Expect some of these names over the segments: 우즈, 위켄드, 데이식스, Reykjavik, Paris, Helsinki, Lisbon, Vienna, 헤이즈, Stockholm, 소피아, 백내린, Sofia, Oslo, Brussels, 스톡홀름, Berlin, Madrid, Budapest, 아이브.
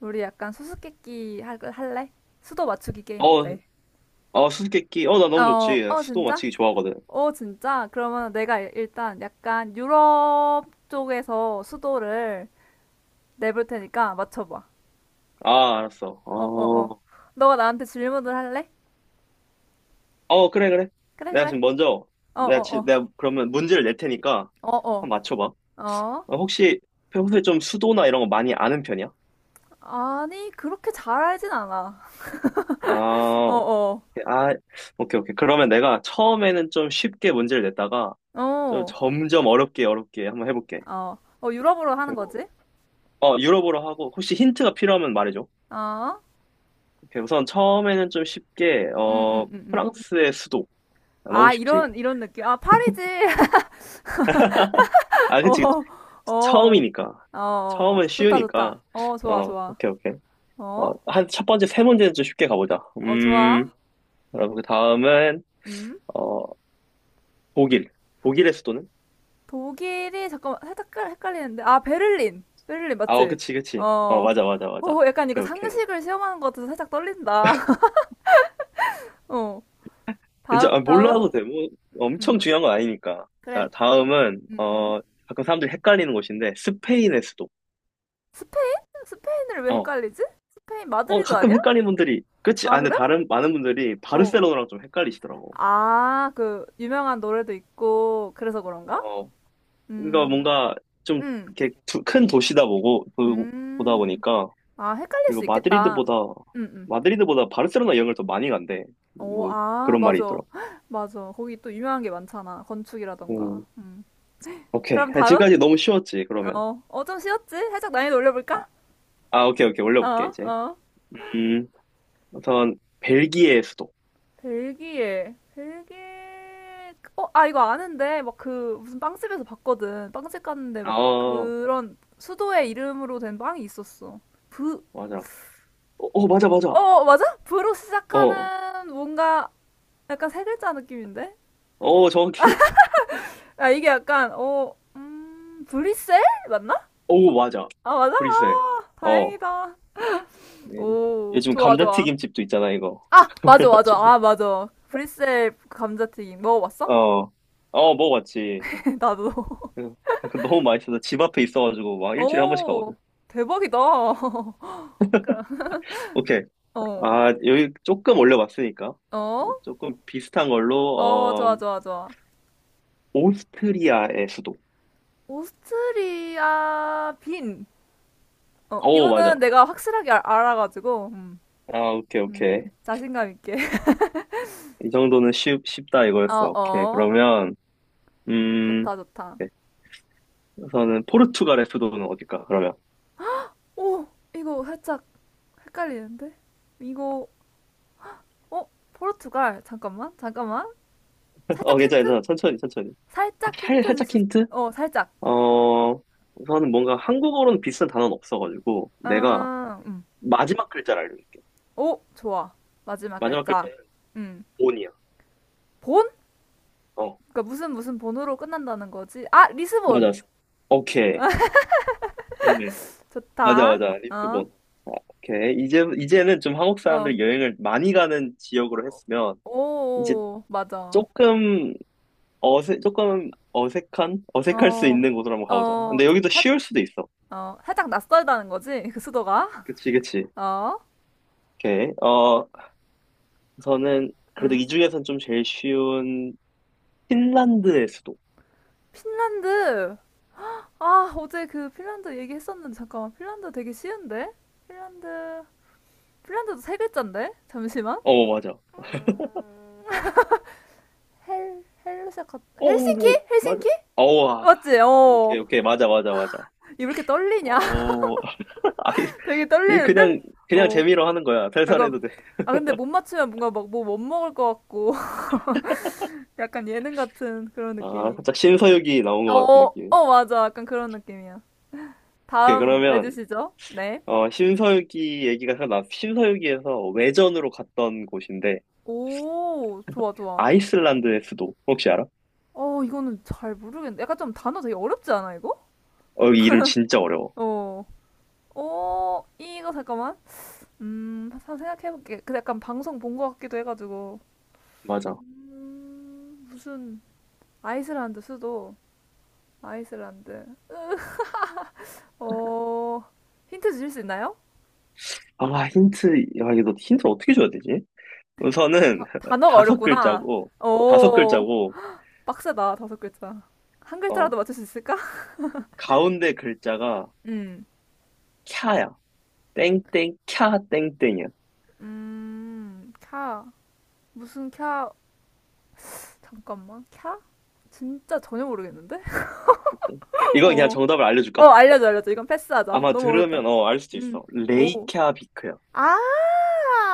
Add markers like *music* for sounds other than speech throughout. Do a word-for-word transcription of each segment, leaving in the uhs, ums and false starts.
우리 약간 수수께끼 할- 할래? 수도 맞추기 게임 어, 어때? 어, 수수께끼. 어, 나 너무 어, 좋지. 나 어, 수도 진짜? 맞히기 좋아하거든. 어, 진짜? 그러면 내가 일- 일단 약간 유럽 쪽에서 수도를 내볼 테니까 맞춰봐. 아, 알았어. 어, 어, 어. 어, 너가 나한테 질문을 할래? 어, 그래, 그래. 그래, 내가 그래. 지금 먼저, 어, 내가, 어, 지, 어. 내가 그러면 문제를 낼 테니까 어, 어. 한번 맞춰봐. 어? 어, 혹시 평소에 좀 수도나 이런 거 많이 아는 편이야? 아니, 그렇게 잘 알진 않아. *laughs* 어, 아, 어. 아, 오케이, 오케이. 그러면 내가 처음에는 좀 쉽게 문제를 냈다가 좀 어, 점점 어렵게, 어렵게 한번 해볼게. 어. 어, 유럽으로 하는 그리고, 거지? 어, 유럽어로 하고, 혹시 힌트가 필요하면 말해줘. 어? 오케이, 우선 처음에는 좀 쉽게, 음, 음, 어, 음, 음. 프랑스의 수도. 아, 너무 아, 쉽지. 이런, 이런 느낌. 아, 파리지. 아, 그치, 어, 어, 처음이니까. 어, 어. 처음은 좋다, 좋다. 쉬우니까. 어, 좋아, 어, 좋아. 오케이, 오케이. 어, 어, 한, 첫 번째, 세 문제는 좀 쉽게 가보자. 어, 좋아. 음, 여러분, 그 다음은, 음, 어, 독일. 독일의 수도는? 독일이, 잠깐만, 살짝 헷갈- 헷갈리는데. 아, 베를린. 베를린, 아, 어, 맞지? 그치, 그치. 어, 어, 맞아, 맞아, 어, 맞아. 약간 이거 오케이, 오케이. 상식을 시험하는 것 같아서 살짝 떨린다. *laughs* 어, 이제, 다음, 아, 다음? 몰라도 돼. 뭐, 음, 엄청 중요한 건 아니니까. 그래. 자, 다음은, 음, 음. 어, 가끔 사람들이 헷갈리는 곳인데, 스페인의 수도. 스페인? 스페인을 왜 어, 헷갈리지? 스페인 어, 마드리드 아니야? 가끔 헷갈리는 분들이, 그치? 아, 아, 근데 그래? 다른, 많은 분들이 어. 바르셀로나랑 좀 헷갈리시더라고. 아, 그, 유명한 노래도 있고, 그래서 그런가? 어, 그러니까 음, 뭔가 좀 음, 이렇게 두- 큰 도시다 보고 보- 보다 음. 보니까. 아, 헷갈릴 그리고 수 있겠다. 마드리드보다 응, 응. 마드리드보다 바르셀로나 여행을 더 많이 간대. 오, 뭐 아, 그런 말이 맞아. 있더라고. *gasps* *laughs* 맞아. 거기 또 유명한 게 많잖아. 건축이라던가. 음, 음. 오케이. 그럼 다음? 지금까지 너무 쉬웠지, 그러면. 어, 어, 좀 쉬웠지? 살짝 난이도 아, 올려볼까? 아, 오케이, 오케이. 어, 올려볼게, 이제. 어. 음, 우선, 벨기에 수도. 벨기에. 벨기에. 어, 아, 이거 아는데. 막 그, 무슨 빵집에서 봤거든. 빵집 갔는데 막 아, 그런 수도의 이름으로 된 빵이 있었어. 브, 맞아. 어, 어, 맞아, 맞아. 어, 맞아? 브로 어, 시작하는 뭔가 약간 세 글자 느낌인데? 어, 정확히. 야 이게 약간, 어, 음, 브리셀? 맞나? 오, 맞아. 아, 맞아? 브뤼셀. 아, 어. 다행이다. 예, 오, 요즘 좋아, 좋아. 감자튀김집도 있잖아, 이거. 아, *laughs* 맞아, 맞아. 그래가지고. 아, 맞아. 브리셀 감자튀김 먹어봤어? 어. 어, 먹어봤지. *laughs* 나도. 응. *laughs* 너무 많이 어서집 앞에 있어가지고 막 *laughs* 일주일에 한 번씩 가거든. 오, 대박이다. *laughs* 그럼, 오케이. 어, 아, 여기 조금 올려봤으니까. 어, 조금 비슷한 걸로, 어, 좋아, 어, 좋아, 좋아. 오스트리아의 수도. 오스트리아 빈. 어, 오, 맞아. 이거는 내가 확실하게 알, 알아가지고, 음, 아, 오케이, 음, 오케이. 자신감 있게. *laughs* 이 정도는 쉽, 쉽다 이거였어. 어, 오케이. 어. 그러면, 음, 좋다, 좋다. 네. 우선은 포르투갈의 수도는 어딜까, 그러면? 오, 이거 살짝 헷갈리는데? 이거 어? 포르투갈 잠깐만 잠깐만 *laughs* 어, 살짝 괜찮아, 힌트? 괜찮아. 천천히, 천천히. 아, 살짝 살, 힌트 줄 살짝 수? 힌트? 어 살짝 어, 우선은 뭔가 한국어로는 비슷한 단어는 없어가지고, 내가 음음오 마지막 글자를 알려줄게. 좋아 마지막 마지막 글자 글자는 음 돈이야. 본? 그러니까 무슨 무슨 본으로 끝난다는 거지? 아 리스본 맞아. 오케이. 좋네. 맞아, 좋다 맞아. 리스본. 아, 오케이. 이제, 이제는 좀 한국 사람들이 여행을 많이 가는 지역으로 했으면, 이제 어어오 맞아 조금 어색, 조금 어색한? 어색할 수 있는 곳으로 한번 가보자. 어어 근데 여기도 살, 쉬울 수도 있어. 어, 살짝 낯설다는 거지 그 수도가 그치, 그치. 어음 오케이. 어, 우선은, 그래도 이 중에서는 좀 제일 쉬운, 핀란드의 수도. 핀란드 아, 어제 그 핀란드 얘기했었는데, 잠깐만. 핀란드 되게 쉬운데? 핀란드, 핀란드도 세 글자인데? 잠시만. 어, 맞아. 어, 헬, 헬로 시작한, 어, 헬싱키? 어, 맞아. 헬싱키? 어, 와. 맞지? 오케이, 어. 오케이. 맞아, 맞아, 맞아. 이렇게 떨리냐? 어, *laughs* 아이, *laughs* 되게 이 떨리는데? 그냥 그냥 어. 재미로 하는 거야. 약간, 살살해도 돼. 아, 근데 못 맞추면 뭔가 막 뭐 못 먹을 것 같고, *laughs* 약간 예능 같은 그런 아, 느낌이. 살짝 신서유기 나온 어, 것 같은 어, 느낌. 어, 맞아. 약간 그런 느낌이야. 오케이, 다음 그러면 내주시죠. 네. 어 신서유기 얘기가 생각나. 신서유기에서 외전으로 갔던 곳인데 오, 좋아, 좋아. 아이슬란드의 수도 혹시 알아? 어, 이거는 잘 모르겠는데. 약간 좀 단어 되게 어렵지 않아, 이거? 어, 이 이름 진짜 어려워. 어. 어, 이거 잠깐만. 음, 한번 생각해볼게. 근데 약간 방송 본 것 같기도 해가지고. 맞아. 음, 무슨, 아이슬란드 수도. 아이슬란드. 어, 힌트 주실 수 있나요? 아, 힌트, 야, 이거 힌트 어떻게 줘야 되지? 우선은 *laughs* 단어가 다섯 어렵구나. 글자고 다섯 오, 글자고. 빡세다. 다섯 글자. 한 어, 글자라도 맞출 수 있을까? *laughs* 가운데 글자가 음, 캬야. 땡땡 캬 땡땡이야. 음, 캬. 무슨 캬. 잠깐만. 캬? 진짜 전혀 모르겠는데? 그치? *laughs* 이거 그냥 어. 정답을 어, 알려줄까? 알려줘, 알려줘. 이건 패스하자. 아마 너무 어렵다. 들으면 어, 알 수도 음, 있어. 오. 레이캬비크야. 아,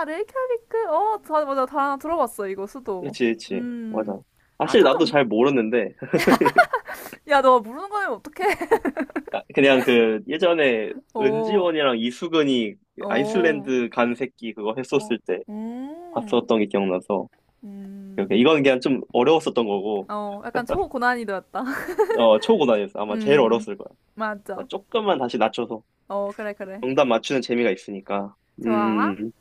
아, 레이캬비크. 어, 다, 맞아. 다 들어봤어, 이거, 수도. 그치, 그치. 음. 맞아. 아, 사실 나도 조금. 잘 모르는데 야, 너 모르는 거면 어떡해. *laughs* *laughs* 그냥 그 예전에 어, 은지원이랑 이수근이 어, 아이슬란드 간 새끼 그거 어. 했었을 때 음. 봤었던 게 기억나서 음. 이렇게 이건 그냥 좀 어려웠었던 거고. 어, 약간 초고난이도였다. *laughs* 어, 초고난이었어. 아마 제일 음. 어려웠을 거야. 나 맞아. 조금만 다시 낮춰서 어, 그래, 그래. 정답 맞추는 재미가 있으니까. 좋아. 음,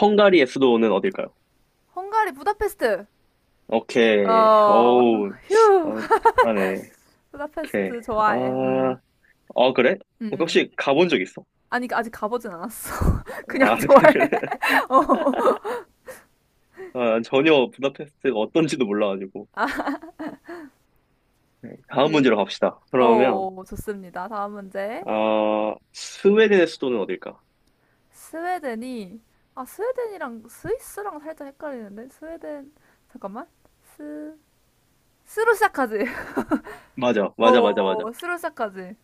헝가리의 수도는 어딜까요? 헝가리 부다페스트. 오케이 어, 어우. *laughs* 휴. 어, 잘하네. 오케이. 부다페스트 아... 좋아해. 음. 어, 그래? 어, 음. 혹시 음. 가본 적 있어? 아니, 아직 가보진 않았어. *laughs* 그냥 아, *laughs* 그래, 좋아해. 그래. *laughs* 어. 아, 전혀 부다페스트가 어떤지도 몰라가지고. 아, 네, 다음 그. 문제로 갑시다. 그러면, 어, 좋습니다. 다음 문제. 아, 스웨덴의 수도는 어딜까? 스웨덴이 아 스웨덴이랑 스위스랑 살짝 헷갈리는데 스웨덴 잠깐만 스 스로 시작하지 *laughs* 맞아, 맞아, 맞아, 맞아. 어 스로 시작하지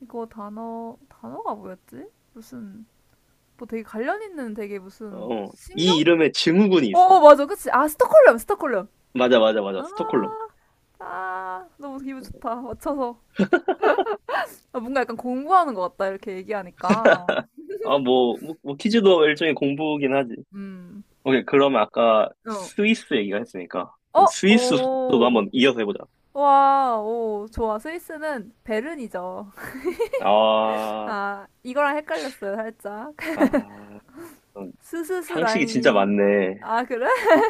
이거 단어 단어가 뭐였지 무슨 뭐 되게 관련 있는 되게 무슨 어, 이 신경 이름에 증후군이 어 어, 있어. 맞아 그치 아 스톡홀름 스톡홀름 맞아, 맞아, 맞아. 아, 스톡홀름. 아 너무 기분 좋다 맞춰서 아, 뭔가 약간 공부하는 것 같다 이렇게 얘기하니까 아, 뭐, 뭐, 뭐 퀴즈도 일종의 공부긴 하지. 오케이, 그러면 아까 음어어오 스위스 얘기가 했으니까. 그럼 스위스 수도도 한번 이어서 해보자. 와, 오, 좋아. 스위스는 베른이죠. *laughs* 아, 아, 이거랑 헷갈렸어요, 살짝. *laughs* 아, 음, 스스스 상식이 진짜 라인이. 많네. 아, 그래? *laughs*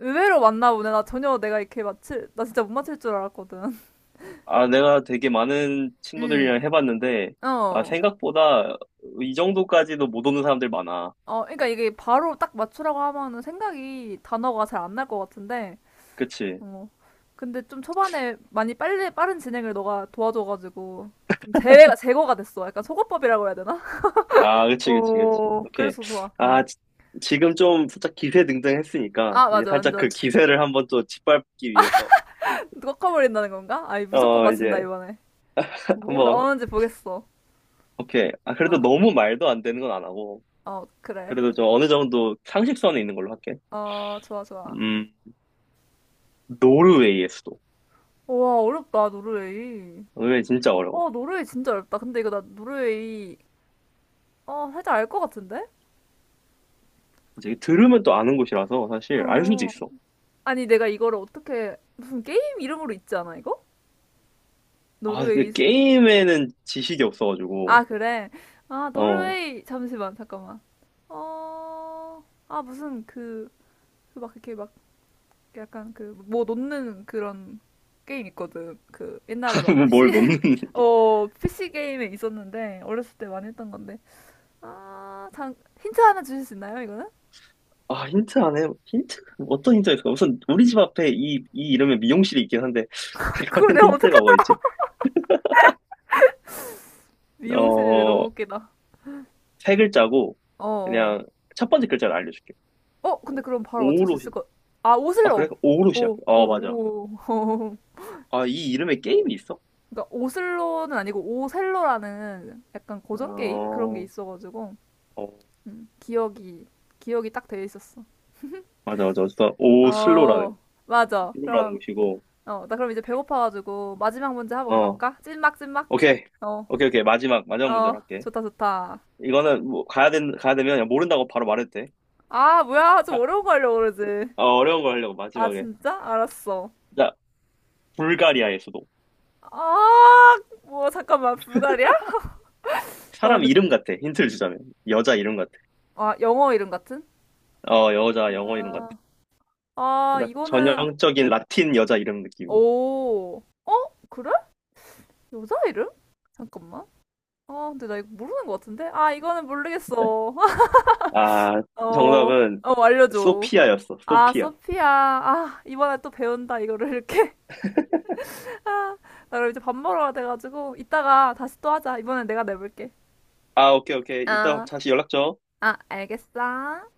의외로 맞나 보네. 나 전혀 내가 이렇게 맞출, 나 진짜 못 맞출 줄 알았거든. *laughs* 아, 내가 되게 많은 친구들이랑 음, 해봤는데, 아, 어. 생각보다 이 정도까지도 못 오는 사람들 많아. 어, 그러니까 이게 바로 딱 맞추라고 하면은 생각이, 단어가 잘 안 날 것 같은데, 그치? 어. 근데 좀 초반에 많이 빨리, 빠른 진행을 너가 도와줘가지고, 좀 제외가, 제거가 됐어. 약간 소거법이라고 해야 되나? *laughs* 아, 그치, 그치, 그치. 오, 오케이. 그래서 좋아. 음. 아, 지, 지금 좀 살짝 기세등등 했으니까, 아, 이제 맞아. 살짝 그 완전. 기세를 한번 또 짓밟기 위해서, 꺾어버린다는 건가? 아니, 무조건 어, 맞춘다, 이제 이번에. 뭐 한번, 나오는지 보겠어. 오케이. 아, 그래도 어, 너무 말도 안 되는 건 안 하고, 어, 그래. 그래도 좀 어느 정도 상식선에 있는 걸로 할게. 어, 좋아, 좋아. 음, 노르웨이의 수도. 우와, 어렵다, 노르웨이. 노르웨이 진짜 어려워. 와, 노르웨이 진짜 어렵다. 근데 이거 나 노르웨이, 어, 살짝 알 것 같은데? 이제 들으면 또 아는 곳이라서 사실 알 수도 어. 있어. 아니, 내가 이거를 어떻게, 무슨 게임 이름으로 있지 않아, 이거? 아, 노르웨이. 이게 수- 게임에는 지식이 없어가지고, 아, 그래. 아, 어, 노르웨이. 잠시만, 잠깐만. 어, 아, 무슨 그, 그 막 이렇게 막 약간 그 뭐 놓는 그런 게임 있거든. 그 옛날에 막 *laughs* 피씨 뭘 넣는, *laughs* *laughs* 어 피씨 게임에 있었는데 어렸을 때 많이 했던 건데 아, 장 힌트 하나 주실 수 있나요, 이거는? 아, 힌트 안 해. 힌트? 어떤 힌트가 있을까? 우선, 우리 집 앞에 이, 이 이름의 미용실이 있긴 한데, *laughs* *laughs* 가는 그걸 내가 어떻게 힌트가 뭐가 알- 있지? 미용실이래 너무 어, 웃기다. 세 글자고, 어, 어. 그냥, 첫 번째 글자를 알려줄게. 어, 근데 어, 그럼 바로 맞출 수 오로, 있을 시- 것. 아, 아, 그래? 오슬로. 오로 시작해. 오, 오, 어, 맞아. 오. *laughs* 오. 아, 이 이름에 게임이 있어? 그러니까 오슬로는 아니고 오셀로라는 약간 고전 게임 그런 게 어, 있어가지고 어, 음, 기억이 기억이 딱 되어 있었어. 맞아, 맞아. 어쨌든, 오, 슬로라는, 어, 맞아. 슬로라는 그럼 곳이고, 어, 나 그럼 이제 배고파가지고 마지막 문제 한번 어, 가볼까? 찐막, 찐막? 오케이. 어, 오케이, 오케이. 마지막, 마지막 문제로 어, 할게. 좋다, 좋다. 이거는 뭐 가야 된 가야 되면 그냥 모른다고 바로 말해도 돼. 아, 뭐야. 좀 자, 어려운 거 하려고 그러지. 어, 어려운 거 하려고 아, 마지막에. 진짜? 알았어. 자, 불가리아의 수도. 아, 뭐, 잠깐만. 불가리아? 와, 사람 근데, 이름 같아. 힌트를 주자면 여자 이름 같아. 아, 영어 이름 같은? 어, 여자 영어 이름 같아. 아, 아, 그러니까 이거는, 전형적인 라틴 여자 이름 느낌. 오. 어? 그래? 여자 이름? 잠깐만. 아, 근데 나 이거 모르는 것 같은데? 아, 이거는 모르겠어. *laughs* 아, 어, 정답은 어, 알려줘. 소피아였어. 아, 소피아. 소피아. 아, 이번에 또 배운다, 이거를 이렇게. 나 그럼 이제 밥 먹으러 가야 돼가지고 이따가 다시 또 하자. 이번엔 내가 내볼게. 아, 오케이 오케이. 이따 아, 다시 연락 줘. 아, 알겠어.